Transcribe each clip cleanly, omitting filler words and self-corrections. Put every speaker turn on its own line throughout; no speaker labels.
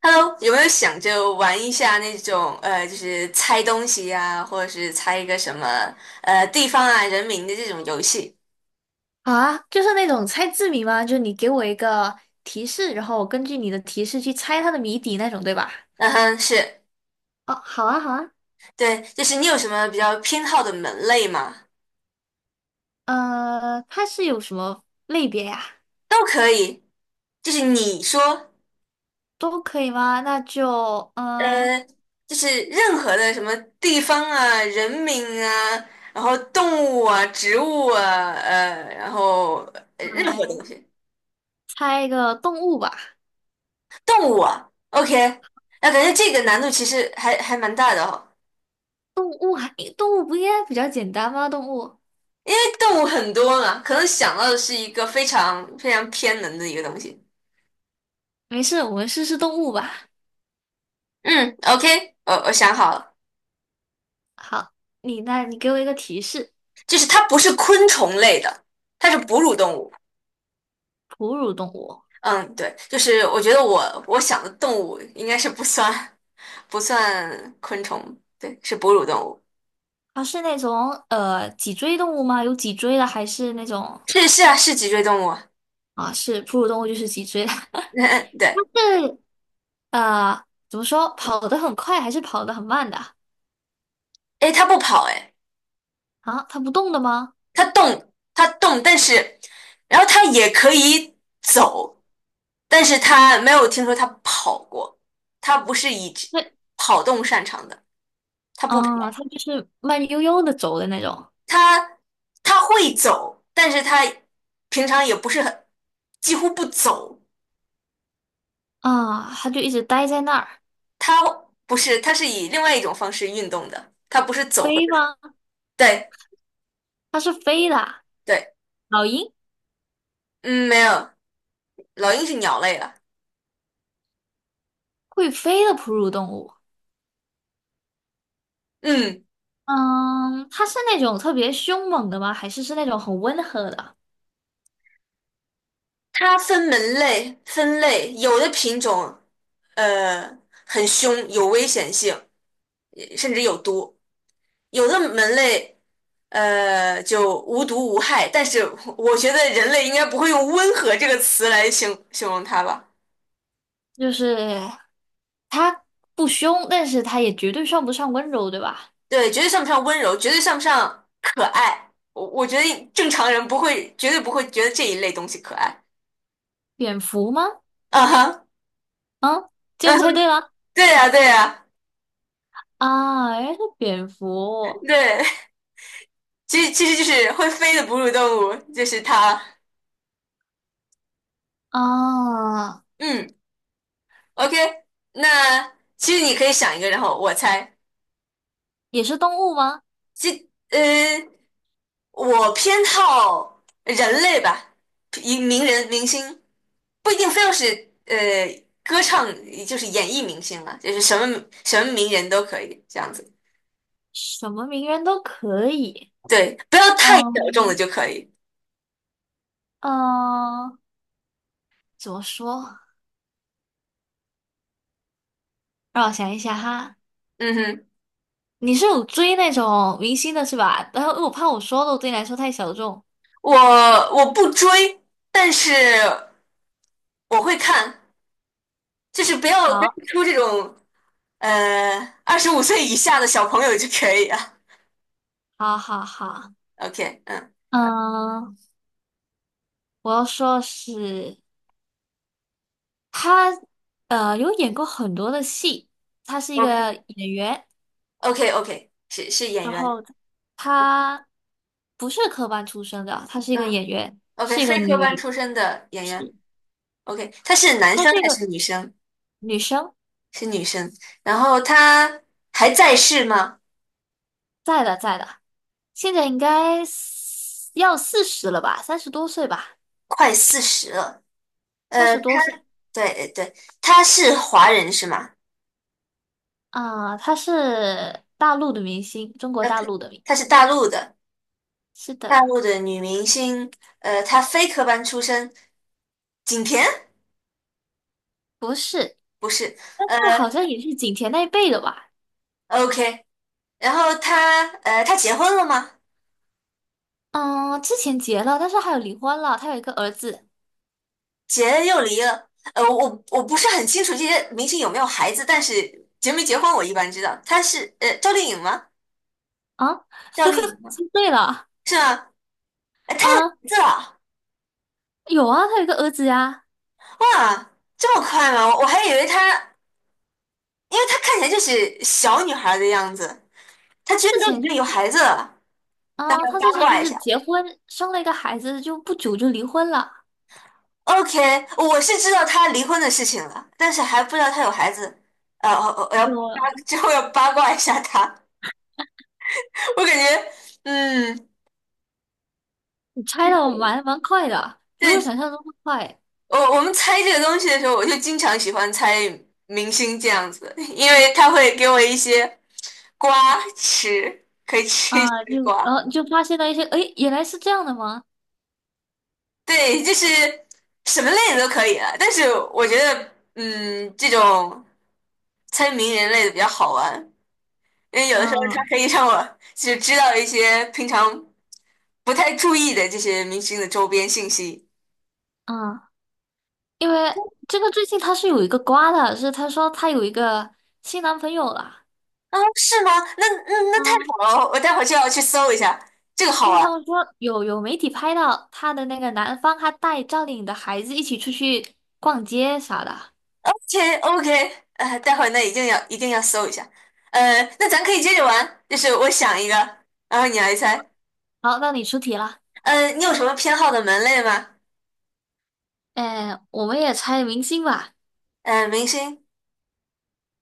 Hello，有没有想着玩一下那种就是猜东西呀、或者是猜一个什么地方啊、人名的这种游戏？
啊，就是那种猜字谜吗？就是你给我一个提示，然后我根据你的提示去猜它的谜底那种，对吧？
嗯哼，是，
哦，好啊，好啊。
对，就是你有什么比较偏好的门类吗？
它是有什么类别呀？
都可以，就是你说
都可以吗？那就
呃，就是任何的什么地方啊、人名啊，然后动物啊、植物啊，然后
我
任何
来
东西，
猜一个动物吧。
动物啊，OK，那感觉这个难度其实还蛮大的哦。
动物还，动物不应该比较简单吗？动物，
因为动物很多嘛，可能想到的是一个非常非常偏门的一个东西。
没事，我们试试动物吧。
嗯，OK，我想好了，
好，你那你给我一个提示，
就是它不是昆虫类的，它是哺乳动物。
哺乳动物，
嗯，对，就是我觉得我想的动物应该是不算昆虫，对，是哺乳动物。
它是那种脊椎动物吗？有脊椎的，还是那种？
是是啊，是脊椎动物啊。
啊，是哺乳动物就是脊椎的，
嗯，对。
但是怎么说，跑得很快还是跑得很慢的
诶，它不跑，诶，
啊？它不动的吗？
它动，但是然后它也可以走。但是他没有听说他跑过，他不是以
对，
跑动擅长的，他不跑，
啊，它就是慢悠悠的走的那种
他他会走，但是他平常也不是很，几乎不走，
啊，它就一直待在那儿。
他不是，他是以另外一种方式运动的，他不是走或者
飞吗？
对
它是飞的啊
对，
老鹰
嗯，没有，老鹰是鸟类了，
会飞的哺乳动物。
嗯，
嗯，它是那种特别凶猛的吗？还是是那种很温和的？
它分门类分类，有的品种呃很凶，有危险性，甚至有毒。有的门类，就无毒无害，但是我觉得人类应该不会用温和这个词来形容它吧？
就是它不凶，但是它也绝对算不上温柔，对吧？
对，绝对算不上温柔，绝对算不上可爱。我觉得正常人不会，绝对不会觉得这一类东西可爱。
蝙蝠吗？
啊哈，
嗯，这
嗯
样猜对了。
对呀，对呀，
啊，哎，是蝙蝠
对，其实就是会飞的哺乳动物，就是它。
啊，
嗯，OK，那其实你可以想一个，然后我猜，
也是动物吗？
其呃。我偏好人类吧，一名人明星不一定非要是呃歌唱，就是演艺明星了，就是什么名人都可以这样子。
什么名人都可以。
对，不要太小众的
嗯
就可以。
嗯，怎么说？让我想一下哈。
嗯哼，
你是有追那种明星的是吧？然后我怕我说的我对你来说太小众。
我我不追，但是我会看，就是不要跟
好，
出这种呃25岁以下的小朋友就可以啊。
好，好，好。
OK，嗯
嗯，我要说的是他，有演过很多的戏，他是一个演员。
，OK，OK，OK，是演
然
员，
后她不是科班出身的，她是一个
嗯
演员，
，OK，
是一
非
个
科班出
女，
身的演员。
是，
OK，他是男
她
生
是一
还
个
是女生？
女生，
是女生。然后他还在世吗？
在的，现在应该四十了吧，三十多岁吧，
快四十了。
三
呃，
十
他
多岁
对对，他是华人是吗？
啊，她是大陆的明星，中国
呃，
大
他
陆的明，
他是大陆的，
是
大
的，
陆的女明星。她非科班出身，景甜
不是，
不是。呃
那好像也是景甜那一辈的吧，
，OK，然后她结婚了吗？
嗯，之前结了，但是还有离婚了，她有一个儿子
结又离了。我不是很清楚这些明星有没有孩子，但是结没结婚我一般知道。她是赵丽颖吗？
啊，
赵丽 颖吗？
猜对了
是吗？哎，她有
啊，
名字了！
有啊，她有一个儿子呀、
哇，这么快吗？我还以为她，因为她看起来就是小女孩的样子，她
他
居然
之
都已
前就
经有
是
孩子了，来
他之
八
前就
卦一
是
下。
结婚生了一个孩子，就不久就离婚了。
OK，我是知道她离婚的事情了，但是还不知道她有孩子。我
我
之后要八卦一下她。我感觉，嗯，
你猜的我蛮快的，比
对，
我想象中的快
我们猜这个东西的时候，我就经常喜欢猜明星这样子，因为他会给我一些瓜吃，可以吃一
啊、就
些瓜。
然后、就发现了一些，诶，原来是这样的吗？
对，就是什么类的都可以了，但是我觉得，嗯，这种猜名人类的比较好玩，因为有的时候它
嗯
可以让我就是知道一些平常不太注意的这些明星的周边信息。
嗯，因为这个最近他是有一个瓜的，是他说他有一个新男朋友了。
啊，是吗？那太
啊。
好了，我待会儿就要去搜一下，这个好
因为他
玩。
们说有媒体拍到他的那个男方，他带赵丽颖的孩子一起出去逛街啥的。
OK OK，待会儿那一定要一定要搜一下。那咱可以接着玩，就是我想一个，然后你来猜。
好，那你出题了。
你有什么偏好的门类吗？
哎，我们也猜明星吧。
明星。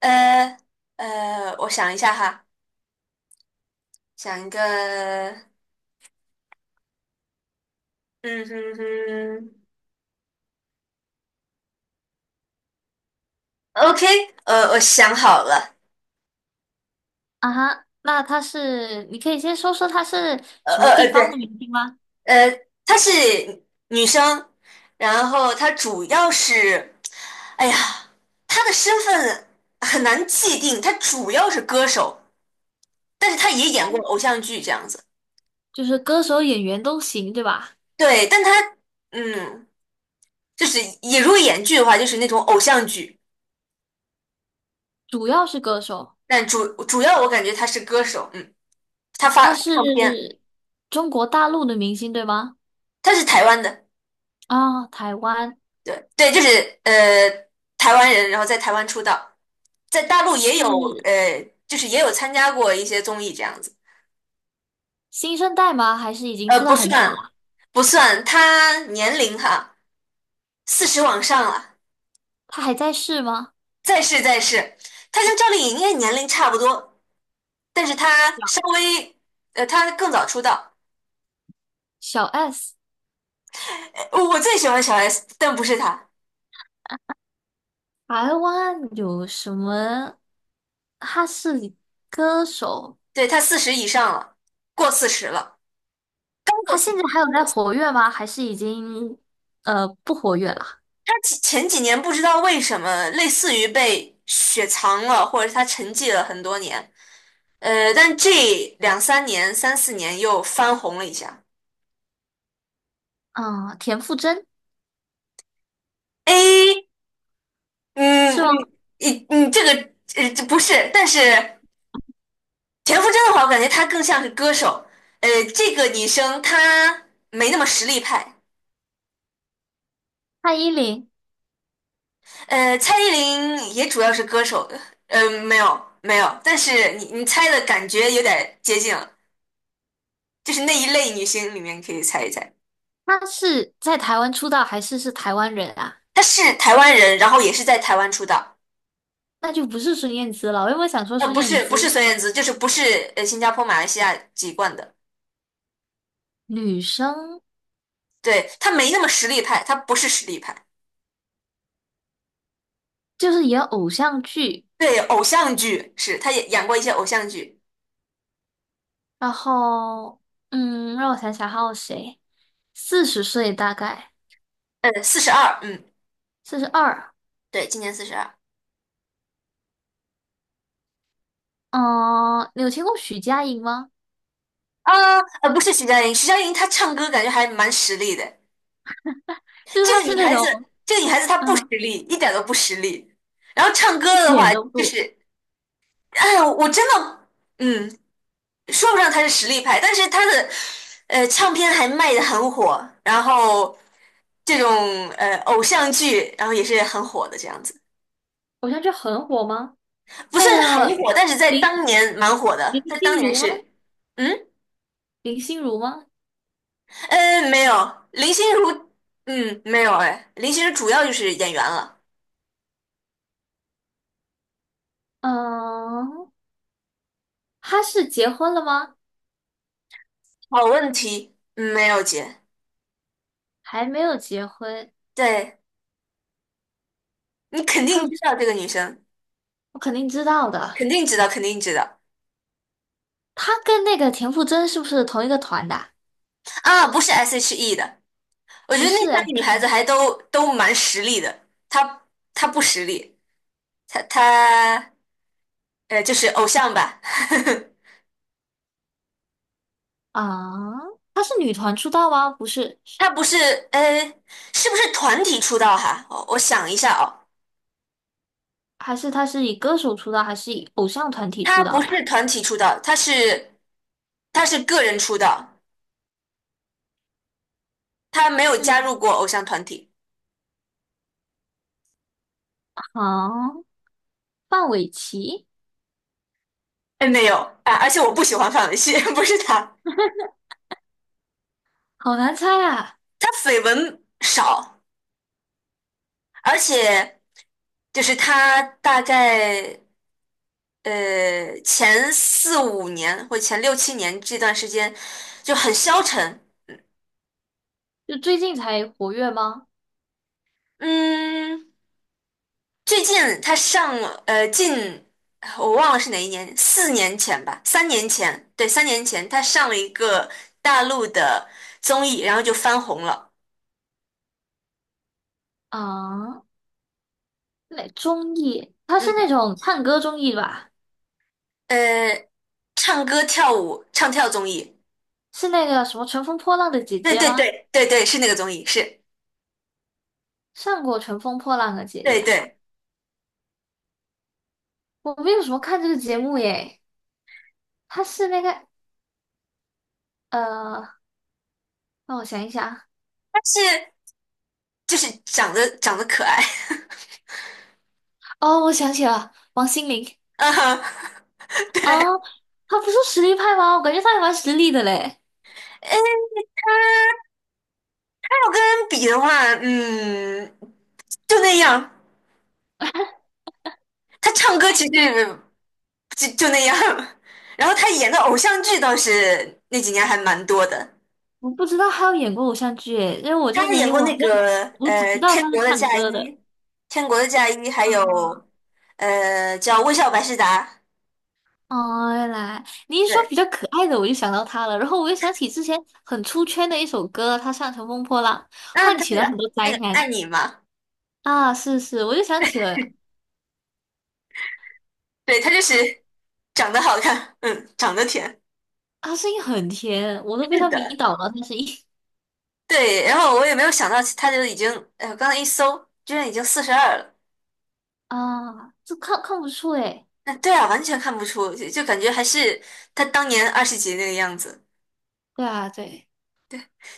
呃我想一下哈，想一个，嗯哼哼，OK，我想好了，
啊哈，那他是，你可以先说说他是什么地方的
对，
明星吗？
呃，她是女生，然后她主要是，哎呀，她的身份很难界定，她主要是歌手，但是她也演过
哦
偶像剧这样子，
就是歌手、演员都行，对吧？
对，但她，嗯，就是也如果演剧的话，就是那种偶像剧，
主要是歌手，
但主要我感觉她是歌手，嗯，她发
他
发
是
唱片。
中国大陆的明星，对吗？
他是台湾的，
啊、台湾
对对，就是台湾人，然后在台湾出道，在大陆也有
是
就是也有参加过一些综艺这样子，
新生代吗？还是已经
呃，
出道
不
很久
算
了？
不算，他年龄哈四十往上了，
他还在世吗？
再是再是，他跟赵丽颖应该年龄差不多，但是他稍
小
微他更早出道，
小 S，
我最喜欢小 S，但不是他，
台湾有什么？他是歌手，
对他四十以上了，过四十了，刚过
他
四
现
十。
在还有在活跃吗？还是已经不活跃了？
他前几年不知道为什么，类似于被雪藏了，或者是他沉寂了很多年。但这两三年、三四年又翻红了一下。
嗯，田馥甄
哎，嗯，
是吗？
你这个这不是，但是田馥甄的话，我感觉她更像是歌手。呃，这个女生她没那么实力派。
蔡依林，
蔡依林也主要是歌手的。没有没有，但是你猜的感觉有点接近了，就是那一类女星里面可以猜一猜。
她是在台湾出道还是是台湾人啊？
他是台湾人，然后也是在台湾出道，
那就不是孙燕姿了。我原本想说孙
不
燕
是不是
姿，
孙燕姿，就是不是新加坡、马来西亚籍贯的，
女生
对，他没那么实力派，他不是实力派，
就是演偶像剧，
对，偶像剧是，他也演过一些偶像剧，
然后让我想想还有谁，40岁大概
嗯，四十二，嗯，
42。
对，今年四十二，
嗯，你有听过许佳莹吗？
啊，不是徐佳莹，徐佳莹她唱歌感觉还蛮实力的，
就是
这
她
个
是
女
那
孩子，
种
这个女孩子她不实
嗯，
力，一点都不实力，然后唱
一
歌的
点
话
都
就
不
是，哎呀，我真的，嗯，说不上他是实力派，但是他的唱片还卖的很火，然后这种偶像剧，然后也是很火的这样子，
偶像剧很火吗？
不
那
算很
个
火，但是在
林
当年蛮火
林
的，在当
心
年
如吗？
是，嗯
林心如吗？
没有林心如，嗯没有哎，林心如主要就是演员了。
嗯，他是结婚了吗？
好问题，嗯没有姐，
还没有结婚，
对你肯定
他
知道这个女生，
我肯定知道的。
肯定知道，肯定知道
他跟那个田馥甄是不是同一个团的啊
啊，不是 S.H.E 的。我觉
不
得那
是
三
哎，
个女孩子还都蛮实力的，她不实力，她就是偶像吧，
啊，他是女团出道吗？不是，
她不是呃是不是团体出道哈？我想一下哦，
还是他是以歌手出道，还是以偶像团体
她
出
不
道
是
吧？
团体出道，她是个人出道，她没有加
嗯，
入过偶像团体，
好，范玮琪，
哎没有啊，而且我不喜欢范玮琪，不是她，
好难猜啊！
她绯闻少，而且就是她大概。前四五年或前六七年这段时间就很消沉。
就最近才活跃吗？
嗯，最近他上了我忘了是哪一年，4年前吧，三年前，对，三年前他上了一个大陆的综艺，然后就翻红了。
啊，那综艺，他是
嗯，
那种唱歌综艺吧？
呃，唱歌跳舞唱跳综艺，
是那个什么《乘风破浪的姐
对
姐》
对
吗？
对对对，是那个综艺，是，
上过《乘风破浪的姐姐》。
对对，
我没有什么看这个节目耶，他是那个呃，让我想一想，
但是就是长得可爱，
哦，我想起了王心凌
嗯哼，对。
啊，他不是实力派吗？我感觉他还蛮实力的嘞，
要跟人比的话，嗯，就那样。他唱歌其实就那样，然后他演的偶像剧倒是那几年还蛮多的。
我不知道他有演过偶像剧耶，因为我这
他
个
还
年
演
龄，
过
我
那
好像
个
我只知道
《天
他是
国的
唱
嫁衣》，
歌的。
《天国的嫁衣》，还
啊，
有叫《微笑百事达》。
哦，原来你一说
对，
比较可爱的，我就想到他了，然后我又想起之前很出圈的一首歌，他唱成乘风破浪》，
嗯，
唤
他
起
那
了很
个
多
那
灾
个
难。
爱你嘛，
啊，是是，我就想起了。
对，他就是长得好看，嗯，长得甜，
啊，声音很甜，我都被
是
他迷
的，
倒了。他声音
对。然后我也没有想到他就已经，刚才一搜，居然已经四十二了。
啊，这看不出诶。
嗯，对啊，完全看不出，就感觉还是他当年二十几那个样子。
对啊，对，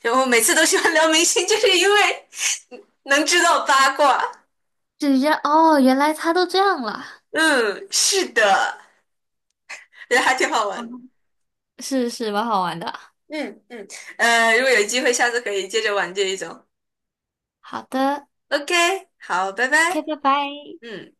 就我每次都喜欢聊明星，就是因为能知道八卦。
是这样哦，原来他都这样了。
嗯，是的，觉得还挺好玩的
嗯是是，蛮好玩的。
嗯嗯，如果有机会，下次可以接着玩这一种。
好的
OK，好，拜
，OK，
拜。
拜拜。
嗯。